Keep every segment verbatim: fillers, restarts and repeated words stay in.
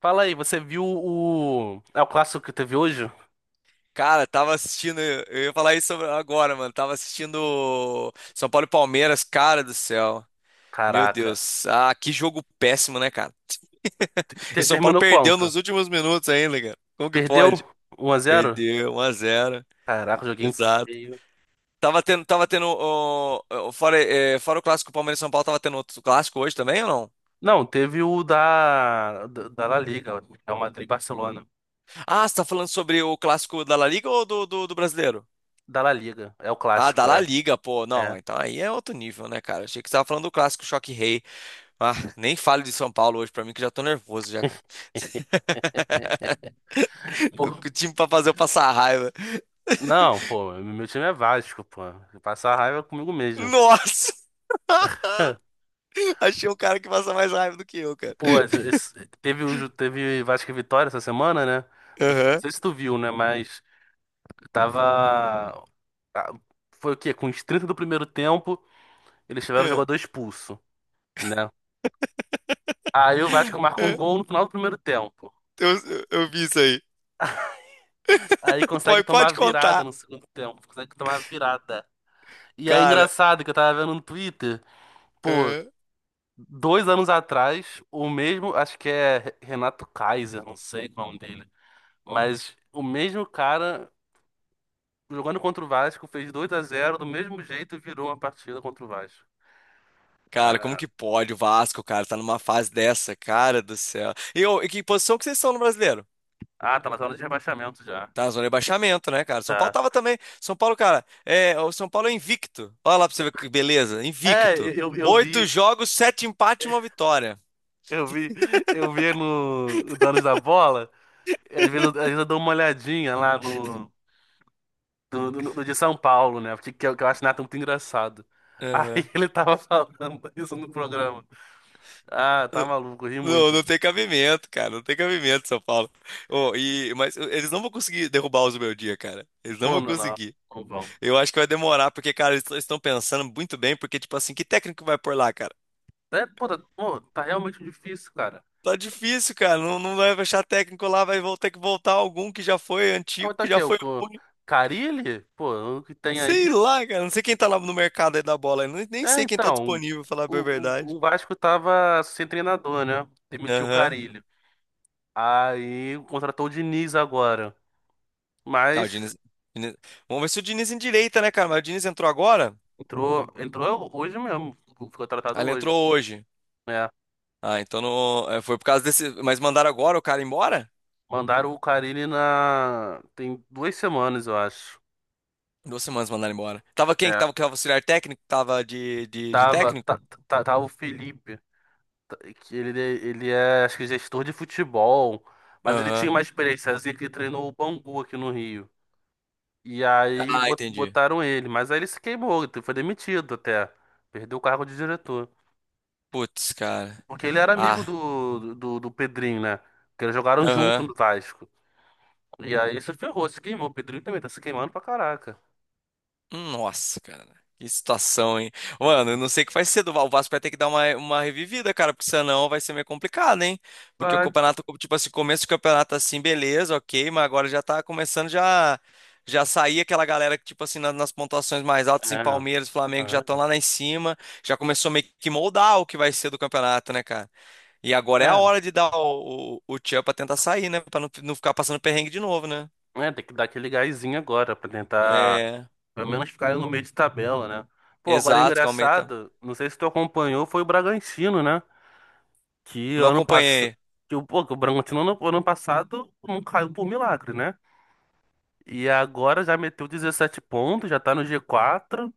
Fala aí, você viu o. É o clássico que teve hoje? Cara, tava assistindo, eu ia falar isso agora, mano. Tava assistindo São Paulo e Palmeiras, cara do céu. Meu Caraca. Deus, ah, que jogo péssimo, né, cara? E o Te- São Paulo Terminou perdeu quanto? nos últimos minutos ainda, cara. Como que Perdeu? pode? Um a zero? Perdeu um a zero. Caraca, joguinho Exato. feio. Tava tendo, tava tendo ó, ó, fora, eh, fora o clássico Palmeiras e São Paulo, tava tendo outro clássico hoje também ou não? Não, teve o da. Da, da La Liga, é o Madrid e Barcelona. Ah, você tá falando sobre o clássico da La Liga ou do, do, do brasileiro? Da La Liga, é o Ah, da clássico, La é. Liga, pô. Não, É. então aí é outro nível, né, cara? Achei que você tava falando do clássico Choque Rei. Ah, nem fale de São Paulo hoje pra mim que já tô nervoso já, cara. Pô, O time pra fazer eu passar raiva. não, pô, meu time é Vasco, pô. Passar raiva é comigo mesmo. Nossa! Achei um cara que passa mais raiva do que eu, cara. Pô, esse- teve, o teve Vasco e Vitória essa semana, né? Não Aham. sei se tu viu, né? Mas tava. ah, foi o quê? Com os trinta do primeiro tempo, eles tiveram o Aham, jogador expulso, né? Aí o Vasco marca um aham. gol no final do primeiro tempo. Eu, eu vi isso aí. Aí consegue Pode, tomar a pode virada contar, no segundo tempo, consegue tomar a virada. E é cara. engraçado que eu tava vendo no Twitter, pô, Aham. dois anos atrás, o mesmo, acho que é Renato Kaiser, não sei qual é o nome dele, mas o mesmo cara jogando contra o Vasco fez dois a zero do mesmo jeito e virou uma partida contra o Vasco. Cara, como Ah, que pode o Vasco, cara, tá numa fase dessa, cara do céu. E, ô, e que posição que vocês estão no brasileiro? ah, tá na zona de rebaixamento já. Tá na zona de rebaixamento, né, cara? São Paulo Tá. tava também. São Paulo, cara, é, o São Paulo é invicto. Olha lá pra você ver que beleza. É, Invicto. eu, eu Oito vi jogos, sete empates e uma vitória. Eu vi, eu vi no o Donos da Bola, às vezes, eu- às vezes eu dou uma olhadinha lá no, no, no- no de São Paulo, né? Porque que eu, que eu acho o Nathan muito engraçado. Aham. Aí ele tava falando isso no programa. Ah, tá N- maluco, eu ri Não, muito. não tem cabimento, cara. Não tem cabimento, São Paulo. Ô, e, mas eles não vão conseguir derrubar os meu dia, cara. Eles não Pô, vão não, não, conseguir. não vão. Eu acho que vai demorar, porque, cara, eles estão pensando muito bem, porque, tipo assim, que técnico vai por lá, cara? É, pô, tá, pô, tá realmente difícil, cara. Tá difícil, cara. Não, não vai achar técnico lá, vai vol- ter que voltar algum que já foi Ah, mas antigo, tá que aqui, já é o foi co- ruim. Carille? Pô, o que tem aí? Sei lá, cara. Não sei quem tá lá no mercado aí da bola. Eu nem nem É, sei quem tá então, disponível, falar bem a o, o, verdade. o Vasco tava sem treinador, né? Demitiu o Aham. Carille. Aí contratou o Diniz agora. Ah, o Mas Diniz, Diniz- vamos ver se o Diniz endireita, né, cara? Mas o Diniz entrou agora? entrou, entrou hoje mesmo. Ficou Ah, tratado ele hoje. entrou hoje. É. Ah, então não, é, foi por causa desse. Mas mandaram agora o cara embora? Mandaram o Carille na. Tem duas semanas, eu acho. Duas semanas mandaram embora. Tava quem que É. tava, que tava auxiliar técnico? Tava de, de, de Tava, técnico? tá, tá- tava o Felipe, tá- que ele, ele é, acho que, gestor de futebol. Mas ele tinha Aham. uma experiência, assim, que treinou o Bangu aqui no Rio. E aí Ah, bot- entendi. botaram ele. Mas aí ele se queimou, ele foi demitido até. Perdeu o cargo de diretor. Putz, cara. Porque ele era amigo Ah, do, do, do Pedrinho, né? Porque eles jogaram junto aham. no Vasco. E aí se ferrou, se queimou. O Pedrinho também tá se queimando pra caraca. Nossa, cara. Que situação, hein? Mano, eu não sei o que vai ser do Val- O Vasco vai ter que dar uma, uma revivida, cara, porque senão vai ser meio complicado, hein? Porque o Vai. campeonato, tipo assim, começo do campeonato assim, beleza, ok, mas agora já tá começando já já sair aquela galera que, tipo assim, na- nas pontuações mais altas em É, Palmeiras, Flamengo, já estão lá, lá em cima, já começou meio que moldar o que vai ser do campeonato, né, cara? E é, agora é a é. hora de dar o, o, o tchan pra tentar sair, né? Pra não, não ficar passando perrengue de novo, né? É, tem que dar aquele gásinho agora pra tentar, É, pelo menos, ficar no meio de tabela, né? Pô, agora é exato, que aumenta. engraçado, não sei se tu acompanhou, foi o Bragantino, né? Que Não ano passado. acompanhei. Que, o- pô, que o Bragantino ano, ano passado não caiu por milagre, né? E agora já meteu dezessete pontos, já tá no gê quatro.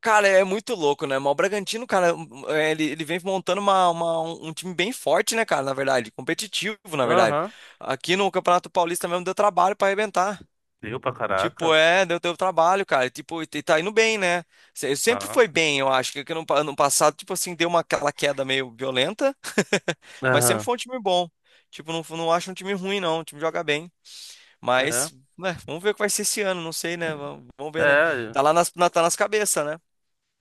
Cara, é muito louco, né? Mas o Bragantino, cara, hum, hum, é, ele, ele vem montando uma, uma- um um time bem forte, né, cara? Na verdade, competitivo, na verdade. Aham, Aqui no Campeonato Paulista mesmo deu trabalho pra arrebentar. deu pra Tipo, caraca. é, deu, deu trabalho, cara. E, tipo, e e tá indo bem, né? Se- Sempre Tá. foi bem, eu acho. Que que no pa- ano passado, tipo assim, deu uma, aquela queda meio violenta, mas sempre Aham, foi um time bom. Tipo, não, não acho um time ruim, não. O time joga bem. é. Mas, né, vamos ver o que vai ser esse ano, não sei, né? Vamos, vamos ver, né? É, Tá lá nas, na, tá nas cabeças, né?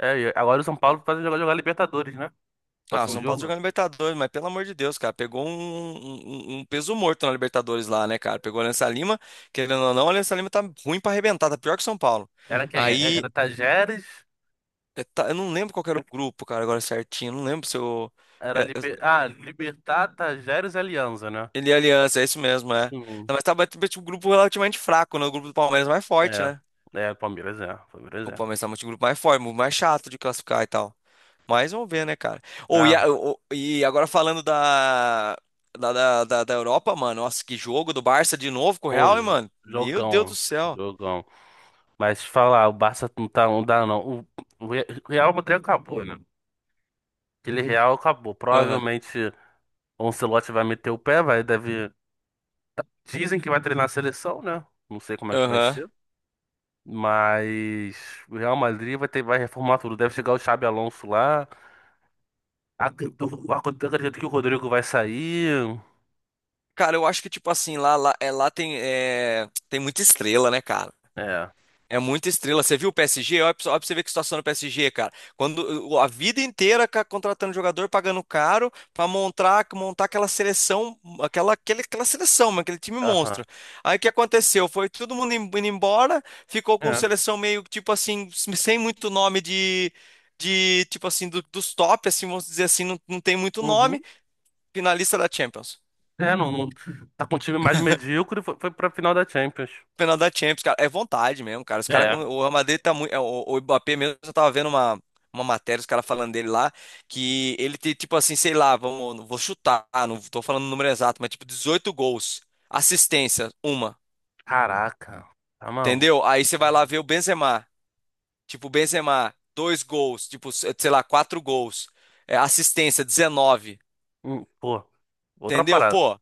é, e agora o São Paulo vai jogar, jogar Libertadores, né? Ah, o Próximo São Paulo tá jogo. jogando Libertadores, mas pelo amor de Deus, cara, pegou um, um- um um peso morto na Libertadores lá, né, cara? Pegou o Alianza Lima, querendo ou não, o Alianza Lima tá ruim pra arrebentar, tá pior que o São Paulo. Era quem? É- Aí, Era Tajeres? é, tá- eu não lembro qual que era o grupo, cara, agora certinho, eu não lembro se eu. Era é, é, Liber... Ah, Libertad, Tajeres e Alianza, né? ele é Aliança, é isso mesmo, é. Sim. Não, mas tá tipo, um grupo relativamente fraco, né? O grupo do Palmeiras é mais forte, É. né? É, Palmeiras é. Palmeiras O é. Palmeiras tá um grupo mais forte, mais chato de classificar e tal. Mas vamos ver, né, cara? Ou e, Ah, a- ô, e agora falando da, da, da, da da Europa, mano. Nossa, que jogo do Barça de novo com o pô, Real, hein, jo- mano? Meu Deus do jogão. céu. Jogão. Mas falar, o Barça não tá, não dá, não. O, o Re- o Real Madrid acabou, né? Aquele Real acabou. Aham, Provavelmente o Ancelotti vai meter o pé, vai, deve. Dizem que vai treinar a seleção, né? Não sei como é que vai aham. ser. Mas o Real Madrid vai ter, vai reformar tudo. Deve chegar o Xabi Alonso lá. Acredito, acredito que o Rodrigo vai sair. Cara, eu acho que, tipo assim, lá, lá, é, lá tem, é, tem muita estrela, né, cara? É. É muita estrela. Você viu o P S G? Olha pra olha pra você ver que situação do P S G, cara. Quando o- a vida inteira ca- contratando jogador, pagando caro pra montar, montar aquela seleção, aquela, aquele, aquela seleção, mano, aquele time Aham. monstro. Aí o que aconteceu? Foi todo mundo im- indo embora, ficou com É. seleção meio tipo assim, sem muito nome de, de tipo assim, do- dos top, assim, vamos dizer assim, não, não tem muito nome, Uhum. finalista da Champions. É, não, não- tá com um time mais medíocre. Foi, foi pra final da Champions. Final da Champions, cara. É vontade mesmo, cara. Os caras, com- É. o Real Madrid tá muito. é, O, o Mbappé mesmo, eu tava vendo uma, uma matéria, os caras falando dele lá, que ele tem, tipo assim, sei lá, vamos, vou chutar, não tô falando o número exato, mas tipo dezoito gols, assistência, uma, Caraca. Tá maluco. entendeu? Aí você vai lá Aham. ver o Benzema, tipo, o Benzema, dois gols, tipo, se- sei lá, quatro gols, é, assistência, dezenove, Hum, pô. Outra entendeu? parada. Pô,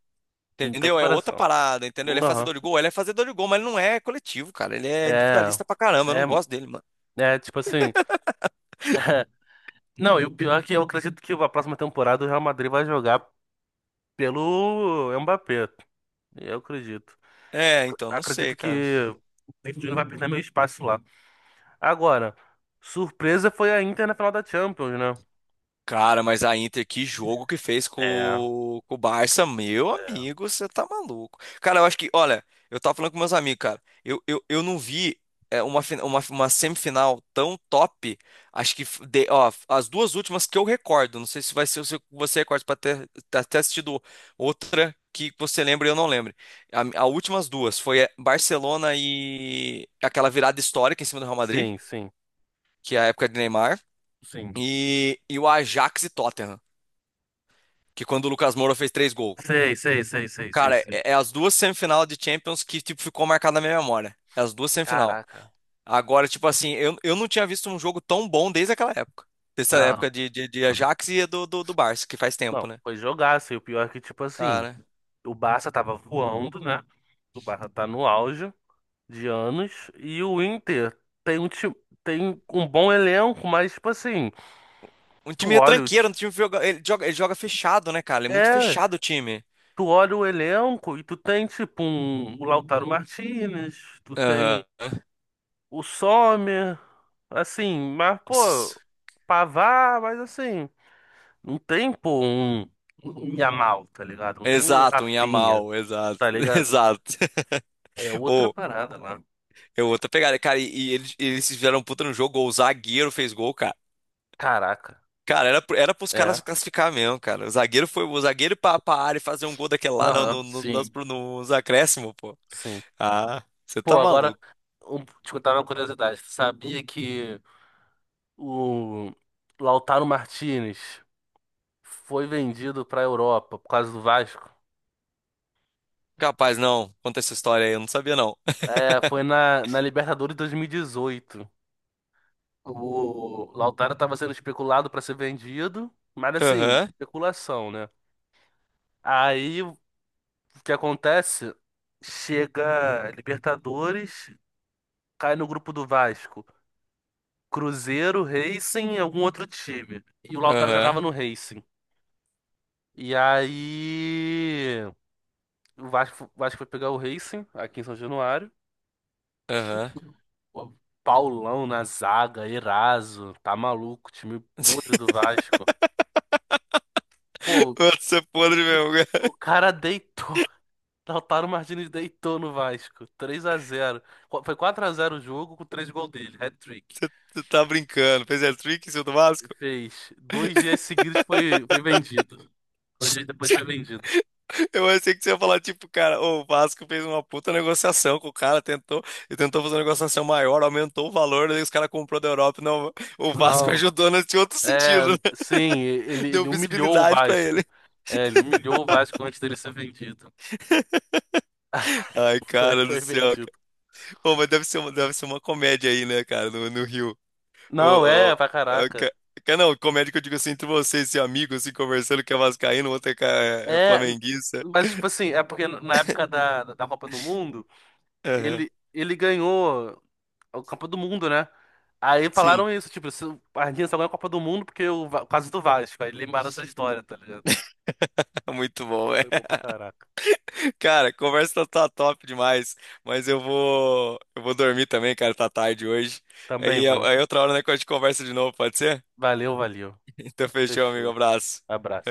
Não tem entendeu? É outra comparação. parada, entendeu? Ele é Aham. fazedor de gol, ele é fazedor de gol, mas ele não é coletivo, cara. Ele é É. individualista pra caramba, eu É. não gosto dele, mano. É, tipo assim. Não, e o pior é que eu acredito que a próxima temporada o Real Madrid vai jogar pelo Mbappé. Eu acredito. É, então, não sei, Acredito cara. que o Corinthians não vai perder meu espaço lá. Agora, surpresa foi a Inter na final da Champions, né? Cara, mas a Inter, que jogo que fez com, É, o- com o Barça, meu é. amigo, você tá maluco. Cara, eu acho que, olha, eu tava falando com meus amigos, cara, eu, eu, eu não vi é, uma, fina- uma, uma semifinal tão top, acho que, f- de- ó, as duas últimas que eu recordo, não sei se vai ser o seu- você recorda pra ter, ter ter assistido outra que você lembra e eu não lembro. A, a últimas duas foi é, Barcelona e aquela virada histórica em cima do Real Madrid, Sim, sim, que é a época de Neymar. sim. e, e o Ajax e Tottenham, que quando o Lucas Moura fez três gols. Sei, sei, sei, sei, sei, Cara, sei. é, é as duas semifinal de Champions que, tipo, ficou marcada na minha memória. É as duas semifinal. Caraca. Agora, tipo assim, eu, eu não tinha visto um jogo tão bom desde aquela época. Desde a Não, época de, de, de Ajax e do, do, do Barça, que faz não, tempo, né? foi jogaço. E o pior é que, tipo assim, Cara, o Barça tava voando, né? O Barça tá no auge de anos. E o Inter tem um, ti- tem um bom elenco, mas, tipo assim, um tu time olha o. retranqueiro, um ti- time que joga, ele joga, ele joga fechado, né, cara? Ele é muito é, fechado o time. tu olha o elenco e tu tem tipo um, o Lautaro Martinez, tu Aham. tem o Sommer, assim, mas Nossa. pô, pavar, mas assim, não tem pô um, um Yamal, tá ligado? Não tem um Exato, um Rafinha, Yamal, exato, tá ligado? exato. É outra Ô, parada lá. é outra pegada, cara. E, e eles, eles fizeram um puta no jogo, o zagueiro fez gol, cara. Caraca, Cara, era, pro- era pros caras é. se classificar mesmo, cara. O zagueiro foi o zagueiro ir pra, pra área e fazer um gol daquele lá no, Aham, no, no, nos, sim, nos acréscimos, pô. sim. Ah, você Pô, tá agora, maluco. um, te contar uma curiosidade. Tu sabia que o Lautaro Martinez foi vendido pra Europa por causa do Vasco? Capaz, não. Conta essa história aí, eu não sabia, não. É, foi na, na Libertadores dois mil e dezoito. O Lautaro tava sendo especulado para ser vendido, mas assim, Aham, especulação, né? Aí o que acontece? Chega Libertadores, cai no grupo do Vasco. Cruzeiro, Racing e algum outro time. E o Lautaro aham, jogava no Racing. E aí o Vasco, o Vasco foi pegar o Racing aqui em São Januário. aham. O Paulão na zaga, Eraso, tá maluco, time podre do Vasco. Pô, Mano, você é podre o, mesmo, o cara. cara deitou. Lautaro Martínez deitou no Vasco. três a zero. Foi quatro a zero o jogo com três gols dele, hat-trick. Você tá brincando. Fez hat-trick em cima do Vasco? Fez. Dois dias seguidos foi, foi vendido. Dois dias depois foi vendido. Eu achei que você ia falar, tipo, cara, o Vasco fez uma puta negociação com o cara, tentou, e tentou fazer uma negociação maior, aumentou o valor, daí os caras comprou da Europa. Não, o Vasco Não. ajudou nesse outro É, sentido, né? sim, ele, Deu ele humilhou o visibilidade pra ele. Vasco. É, ele humilhou o Vasco antes dele ser vendido. Ai, Foi, cara do foi céu, vendido. cara. Pô, mas deve ser uma, deve ser uma comédia aí, né, cara, no, no Rio. O, Não, o, é, pra a caraca. ca- ca- não, comédia que eu digo assim, entre vocês, seu amigo, assim, conversando, que é vascaíno, o outro é, ca- é é É, flamenguista. mas tipo assim, é porque na época da, da Copa do Mundo, Aham. ele, ele ganhou a Copa do Mundo, né? Aí Sim, falaram isso, tipo, se o a Argentina só ganha a Copa do Mundo porque o Va- por causa do Vasco. Aí lembraram essa história, tá ligado? muito bom, é. Foi bom pra caraca. Cara, a conversa tá tá top demais, mas eu vou, eu vou dormir também, cara, tá tarde hoje. Também Aí, vou. aí outra hora, né, que a gente conversa de novo, pode ser? Valeu, valeu. Então fechou, amigo, Fechou. abraço. Abraço.